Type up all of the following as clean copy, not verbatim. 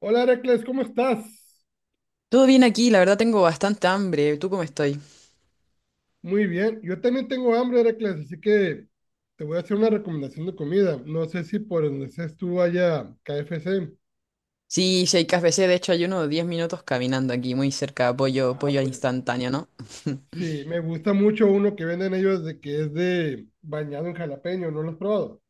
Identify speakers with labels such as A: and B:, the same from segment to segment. A: Hola Heracles, ¿cómo estás?
B: Todo bien aquí, la verdad tengo bastante hambre. ¿Tú cómo estoy?
A: Muy bien, yo también tengo hambre Heracles, así que te voy a hacer una recomendación de comida. No sé si por donde estés tú haya KFC.
B: Sí, sí hay KFC, de hecho hay uno de 10 minutos caminando aquí, muy cerca, pollo,
A: Ah,
B: pollo al
A: pues
B: instantáneo, ¿no?
A: sí, me gusta mucho uno que venden ellos de que es de bañado en jalapeño, ¿no lo has probado?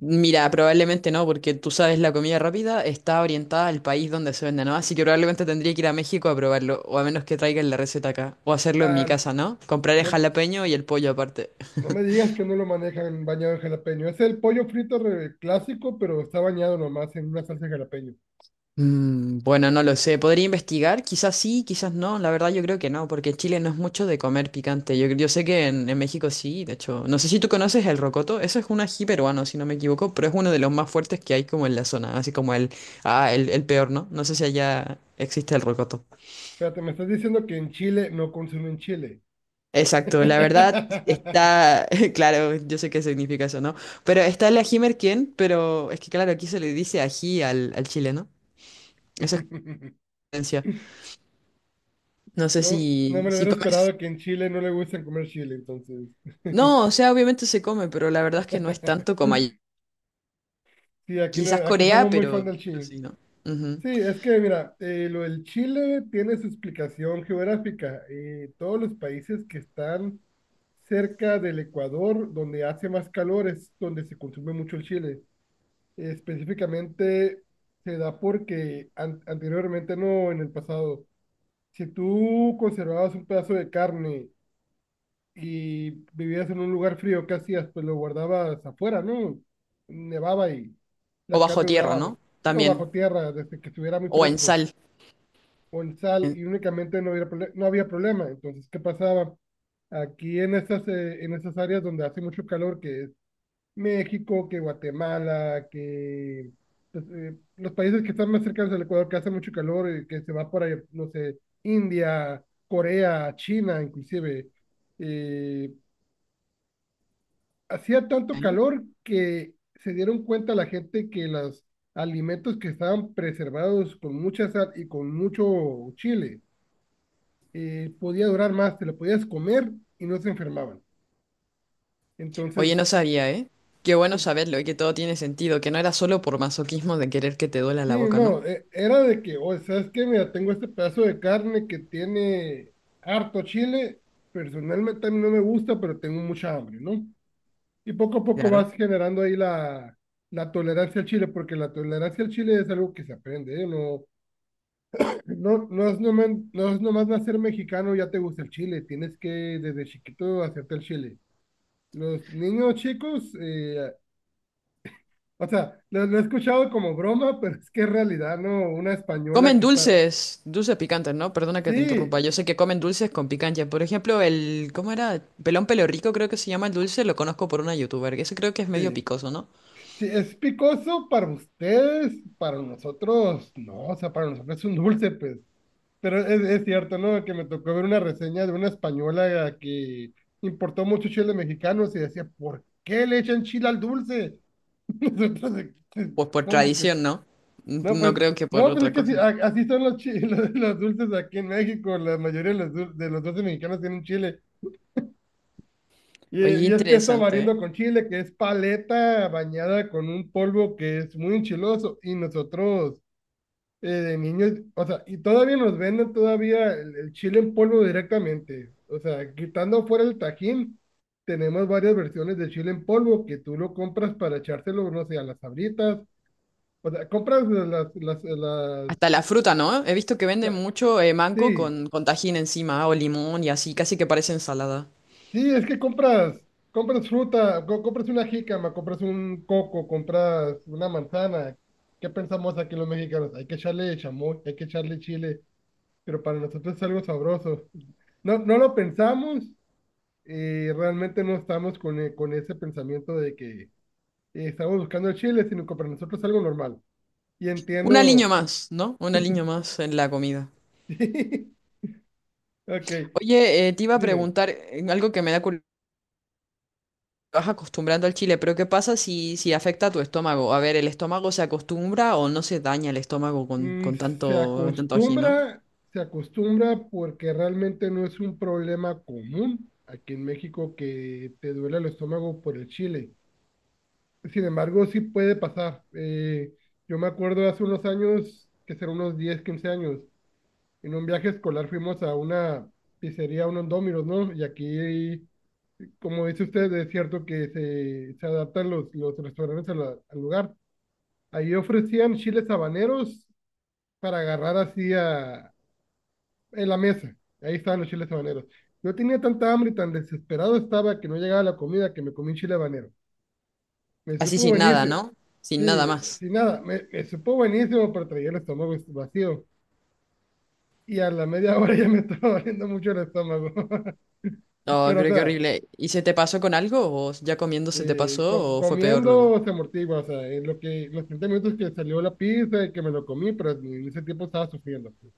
B: Mira, probablemente no, porque tú sabes, la comida rápida está orientada al país donde se vende, ¿no? Así que probablemente tendría que ir a México a probarlo, o a menos que traigan la receta acá, o hacerlo en mi
A: Ah,
B: casa, ¿no? Compraré
A: no,
B: jalapeño y el pollo aparte.
A: no me digas que no lo manejan bañado en jalapeño. Es el pollo frito clásico, pero está bañado nomás en una salsa de jalapeño.
B: Mm, bueno, no lo sé. ¿Podría investigar? Quizás sí, quizás no. La verdad yo creo que no, porque en Chile no es mucho de comer picante. Yo sé que en México sí, de hecho. No sé si tú conoces el rocoto. Eso es un ají peruano, si no me equivoco, pero es uno de los más fuertes que hay como en la zona. Así como el... Ah, el peor, ¿no? No sé si allá existe el rocoto.
A: Espérate, me estás diciendo que en Chile no consumen chile.
B: Exacto, la verdad está... Claro, yo sé qué significa eso, ¿no? Pero está el ají merquén, pero es que claro, aquí se le dice ají al chileno. Esa es la diferencia. No sé
A: No, no
B: si,
A: me lo
B: si
A: hubiera
B: comes...
A: esperado que en Chile no le gusten comer chile, entonces.
B: No, o sea, obviamente se come, pero la verdad es que no es tanto como allí.
A: Sí, aquí,
B: Quizás
A: no, aquí
B: Corea,
A: somos muy fan del
B: pero
A: chile.
B: sí, ¿no? Ujú.
A: Sí, es que mira, lo del Chile tiene su explicación geográfica. Todos los países que están cerca del Ecuador, donde hace más calor, es donde se consume mucho el chile. Específicamente se da porque anteriormente no, en el pasado, si tú conservabas un pedazo de carne y vivías en un lugar frío, ¿qué hacías? Pues lo guardabas afuera, ¿no? Nevaba y
B: O
A: la
B: bajo
A: carne
B: tierra,
A: duraba,
B: ¿no?
A: sí, o
B: También.
A: bajo tierra, desde que estuviera muy
B: O en
A: fresco,
B: sal.
A: o en sal,
B: En-
A: y únicamente no había, no había problema. Entonces, ¿qué pasaba? Aquí en esas áreas donde hace mucho calor, que es México, que Guatemala, que pues, los países que están más cercanos al Ecuador, que hace mucho calor, y que se va por ahí, no sé, India, Corea, China, inclusive, eh, hacía tanto
B: ¿Eh?
A: calor que se dieron cuenta la gente que los alimentos que estaban preservados con mucha sal y con mucho chile podía durar más, te lo podías comer y no se enfermaban.
B: Oye,
A: Entonces,
B: no sabía, ¿eh? Qué bueno
A: eh,
B: saberlo y que todo tiene sentido, que no era solo por masoquismo de querer que te duela
A: sí,
B: la boca, ¿no?
A: no, era de que, o sea, es que mira, tengo este pedazo de carne que tiene harto chile, personalmente a mí no me gusta, pero tengo mucha hambre, ¿no? Y poco a poco
B: Claro.
A: vas generando ahí la tolerancia al chile, porque la tolerancia al chile es algo que se aprende, ¿eh? No, No, no es nomás, no es nomás nacer mexicano, ya te gusta el chile. Tienes que desde chiquito hacerte el chile. Los niños chicos, o sea, lo he escuchado como broma, pero es que en realidad no, una española
B: Comen
A: que está.
B: dulces, dulces picantes, ¿no? Perdona que te
A: Sí,
B: interrumpa. Yo sé que comen dulces con picancha. Por ejemplo, el, ¿cómo era? Pelón pelo rico creo que se llama el dulce, lo conozco por una youtuber. Ese creo que es medio
A: sí,
B: picoso, ¿no?
A: sí, es picoso para ustedes, para nosotros, no, o sea, para nosotros es un dulce, pues. Pero es cierto, ¿no? Que me tocó ver una reseña de una española que importó mucho chile mexicano y decía, ¿por qué le echan chile al dulce? Nosotros aquí,
B: Pues por
A: ¿cómo que?
B: tradición, ¿no?
A: No,
B: No
A: pues,
B: creo que por
A: no, pues es
B: otra
A: que así,
B: cosa.
A: así son los, los dulces aquí en México. La mayoría de los, de los dulces mexicanos tienen chile.
B: Oye, qué
A: Y es que está
B: interesante, ¿eh?
A: variando con chile, que es paleta bañada con un polvo que es muy enchiloso. Y nosotros, de niños, o sea, y todavía nos venden todavía el chile en polvo directamente. O sea, quitando fuera el tajín, tenemos varias versiones de chile en polvo que tú lo compras para echárselo, no sé, a las sabritas. O sea, compras las,
B: Hasta la fruta, ¿no? He visto que venden
A: la-
B: mucho mango
A: sí,
B: con tajín encima o limón y así, casi que parece ensalada.
A: sí, es que compras, compras fruta, compras una jícama, compras un coco, compras una manzana. ¿Qué pensamos aquí los mexicanos? Hay que echarle chamoy, hay que echarle chile, pero para nosotros es algo sabroso. No, no lo pensamos y realmente no estamos con, con ese pensamiento de que estamos buscando el chile, sino que para nosotros es algo normal. Y
B: Un aliño
A: entiendo.
B: más, ¿no? Un aliño más en la comida.
A: Ok,
B: Oye, te iba a
A: dime.
B: preguntar algo que me da curiosidad. Vas acostumbrando al chile, pero ¿qué pasa si, si afecta a tu estómago? A ver, ¿el estómago se acostumbra o no se daña el estómago
A: Mm,
B: con
A: Se
B: tanto, tanto ají, ¿no?
A: acostumbra, se acostumbra porque realmente no es un problema común aquí en México que te duele el estómago por el chile. Sin embargo, sí puede pasar. Yo me acuerdo hace unos años, que serán unos 10 15 años, en un viaje escolar fuimos a una pizzería, unos Domino's, ¿no? Y aquí, como dice usted, es cierto que se adaptan los restaurantes a al lugar. Ahí ofrecían chiles habaneros para agarrar así a, en la mesa. Ahí estaban los chiles habaneros. Yo tenía tanta hambre y tan desesperado estaba que no llegaba la comida que me comí un chile habanero. Me
B: Así
A: supo
B: sin nada,
A: buenísimo.
B: ¿no? Sin nada
A: Sí,
B: más.
A: sin nada, me supo buenísimo, pero traía el estómago vacío. Y a la media hora ya me estaba doliendo mucho el estómago.
B: No,
A: Pero, o
B: pero qué
A: sea,
B: horrible. ¿Y se te pasó con algo? ¿O ya comiendo se te pasó o fue peor luego?
A: comiendo se amortigua, o sea, en lo que, los 30 minutos que salió la pizza y que me lo comí, pero en ese tiempo estaba sufriendo, pues.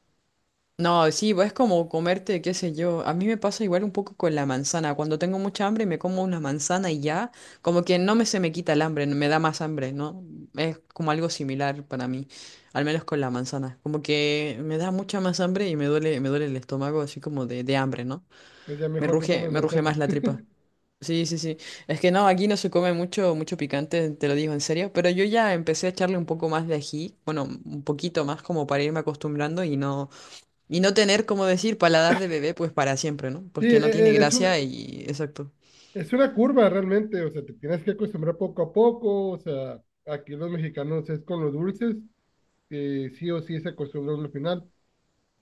B: No, sí, pues, es como comerte, qué sé yo. A mí me pasa igual un poco con la manzana. Cuando tengo mucha hambre me como una manzana y ya, como que no me se me quita el hambre, me da más hambre, ¿no? Es como algo similar para mí, al menos con la manzana. Como que me da mucha más hambre y me duele el estómago, así como de hambre, ¿no?
A: Entonces ya mejor ni comes
B: Me ruge más
A: manzana.
B: la tripa. Sí, sí, sí. Es que no, aquí no se come mucho, mucho picante, te lo digo en serio, pero yo ya empecé a echarle un poco más de ají, bueno, un poquito más como para irme acostumbrando y no tener, como decir, paladar de bebé pues para siempre, ¿no?
A: Sí,
B: Porque no tiene
A: es un,
B: gracia y exacto.
A: es una curva realmente, o sea, te tienes que acostumbrar poco a poco, o sea, aquí los mexicanos es con los dulces, que sí o sí se acostumbran al final.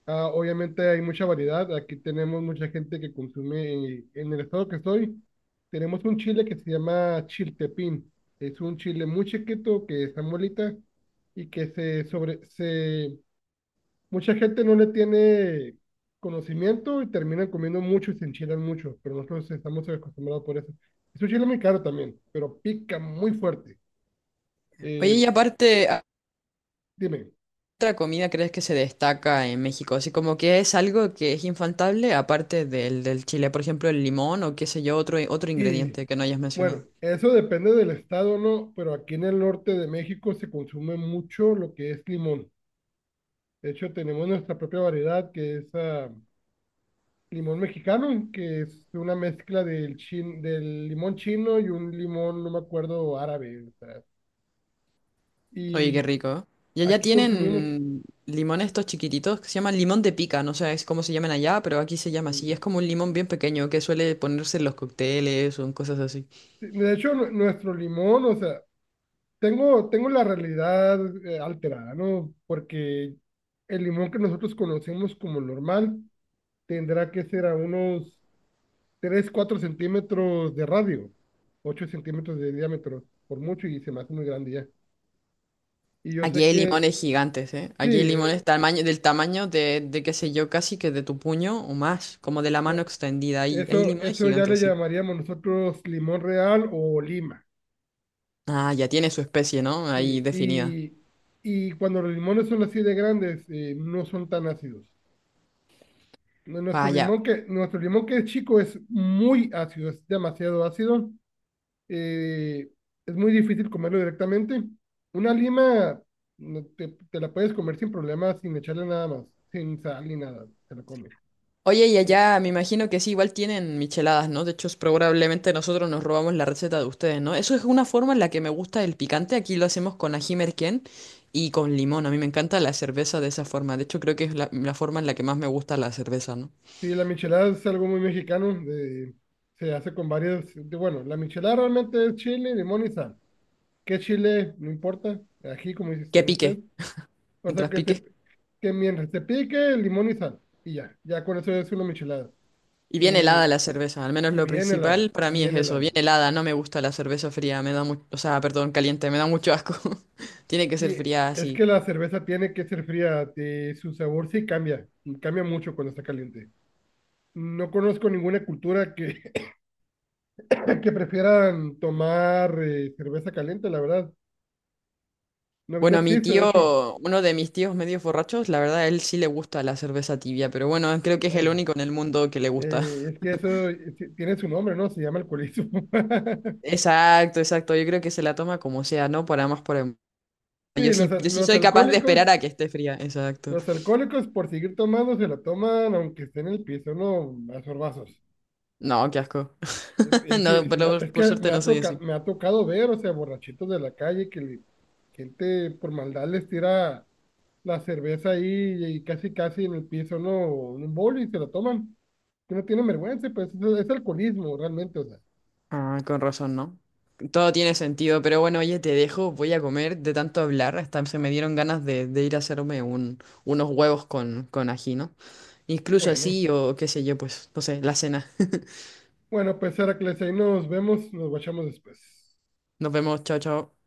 A: Ah, obviamente hay mucha variedad, aquí tenemos mucha gente que consume, en el estado que estoy, tenemos un chile que se llama chiltepín, es un chile muy chiquito que está molita y que se sobre, se mucha gente no le tiene conocimiento y terminan comiendo mucho y se enchilan mucho, pero nosotros estamos acostumbrados por eso. Es un chile muy caro también, pero pica muy fuerte.
B: Oye,
A: Eh,
B: y aparte,
A: Dime,
B: ¿otra comida crees que se destaca en México? Así como que es algo que es infaltable, aparte del, del chile, por ejemplo, el limón o qué sé yo, otro, otro
A: y
B: ingrediente que no hayas
A: bueno,
B: mencionado.
A: eso depende del estado, ¿no? Pero aquí en el norte de México se consume mucho lo que es limón. De hecho, tenemos nuestra propia variedad que es limón mexicano, que es una mezcla del, del limón chino y un limón, no me acuerdo, árabe. O sea,
B: Oye,
A: y
B: qué rico. Y allá
A: aquí consumimos.
B: tienen limones estos chiquititos que se llaman limón de pica, no sé es cómo se llaman allá, pero aquí se llama así. Es como un limón bien pequeño que suele ponerse en los cócteles o en cosas así.
A: De hecho, nuestro limón, o sea, tengo la realidad alterada, ¿no? Porque el limón que nosotros conocemos como normal tendrá que ser a unos 3 4 centímetros de radio, 8 centímetros de diámetro, por mucho, y se me hace muy grande ya. Y yo
B: Aquí
A: sé
B: hay
A: que,
B: limones gigantes, ¿eh?
A: sí,
B: Aquí hay limones tamaño, del tamaño de, qué sé yo, casi que de tu puño o más, como de la
A: no,
B: mano extendida. Hay
A: eso,
B: limones
A: eso ya le
B: gigantes, sí.
A: llamaríamos nosotros limón real o lima.
B: Ah, ya tiene su especie, ¿no? Ahí
A: Sí,
B: definida.
A: y cuando los limones son así de grandes, no son tan ácidos.
B: Vaya.
A: Nuestro limón que es chico es muy ácido, es demasiado ácido. eh, es muy difícil comerlo directamente. Una lima no, te la puedes comer sin problema, sin echarle nada más, sin sal ni nada, se la come.
B: Oye, y
A: Eh,
B: allá me imagino que sí, igual tienen micheladas, ¿no? De hecho, es probablemente nosotros nos robamos la receta de ustedes, ¿no? Eso es una forma en la que me gusta el picante. Aquí lo hacemos con ají merquén y con limón. A mí me encanta la cerveza de esa forma. De hecho, creo que es la forma en la que más me gusta la cerveza, ¿no?
A: sí, la michelada es algo muy mexicano, se hace con varias, bueno, la michelada realmente es chile, limón y sal. ¿Qué chile? No importa, aquí como dice
B: Que
A: usted.
B: pique,
A: O
B: mientras
A: sea, que te,
B: pique.
A: que mientras te pique, limón y sal. Y ya, ya con eso es una michelada.
B: Y bien
A: Y,
B: helada la cerveza, al menos
A: y
B: lo
A: bien helada,
B: principal para mí es
A: bien
B: eso, bien
A: helada.
B: helada. No me gusta la cerveza fría, me da mucho, o sea, perdón, caliente, me da mucho asco. Tiene que ser
A: Y
B: fría
A: es
B: así.
A: que la cerveza tiene que ser fría, su sabor sí cambia, y cambia mucho cuando está caliente. No conozco ninguna cultura que, que prefieran tomar cerveza caliente, la verdad. No, no
B: Bueno, a mi
A: existe, de
B: tío,
A: hecho.
B: uno de mis tíos medio borrachos, la verdad, a él sí le gusta la cerveza tibia, pero bueno, creo que es el
A: Es,
B: único en el mundo que le gusta.
A: es que eso tiene su nombre, ¿no? Se llama alcoholismo.
B: Exacto, exacto. Yo creo que se la toma como sea, ¿no? Para más por el...
A: Sí,
B: Yo
A: los,
B: sí, yo sí
A: los
B: soy capaz de
A: alcohólicos,
B: esperar a que esté fría, exacto.
A: los alcohólicos, por seguir tomando, se la toman aunque esté en el piso, no a sorbazos.
B: No, qué asco.
A: Y,
B: No,
A: y sí me
B: pero
A: es
B: por
A: que me
B: suerte no
A: ha,
B: soy
A: toca,
B: así.
A: me ha tocado ver, o sea, borrachitos de la calle gente por maldad les tira la cerveza ahí y casi, casi en el piso, no, en un bol y se la toman. Que no tienen vergüenza, pues es alcoholismo realmente, o sea.
B: Ah, con razón, ¿no? Todo tiene sentido, pero bueno, oye, te dejo, voy a comer de tanto hablar, hasta se me dieron ganas de ir a hacerme un, unos huevos con ají, ¿no? Incluso
A: Bueno,
B: así o qué sé yo, pues, no sé, la cena.
A: bueno, pues Heracles, ahí nos vemos, nos guachamos después.
B: Nos vemos, chao, chao.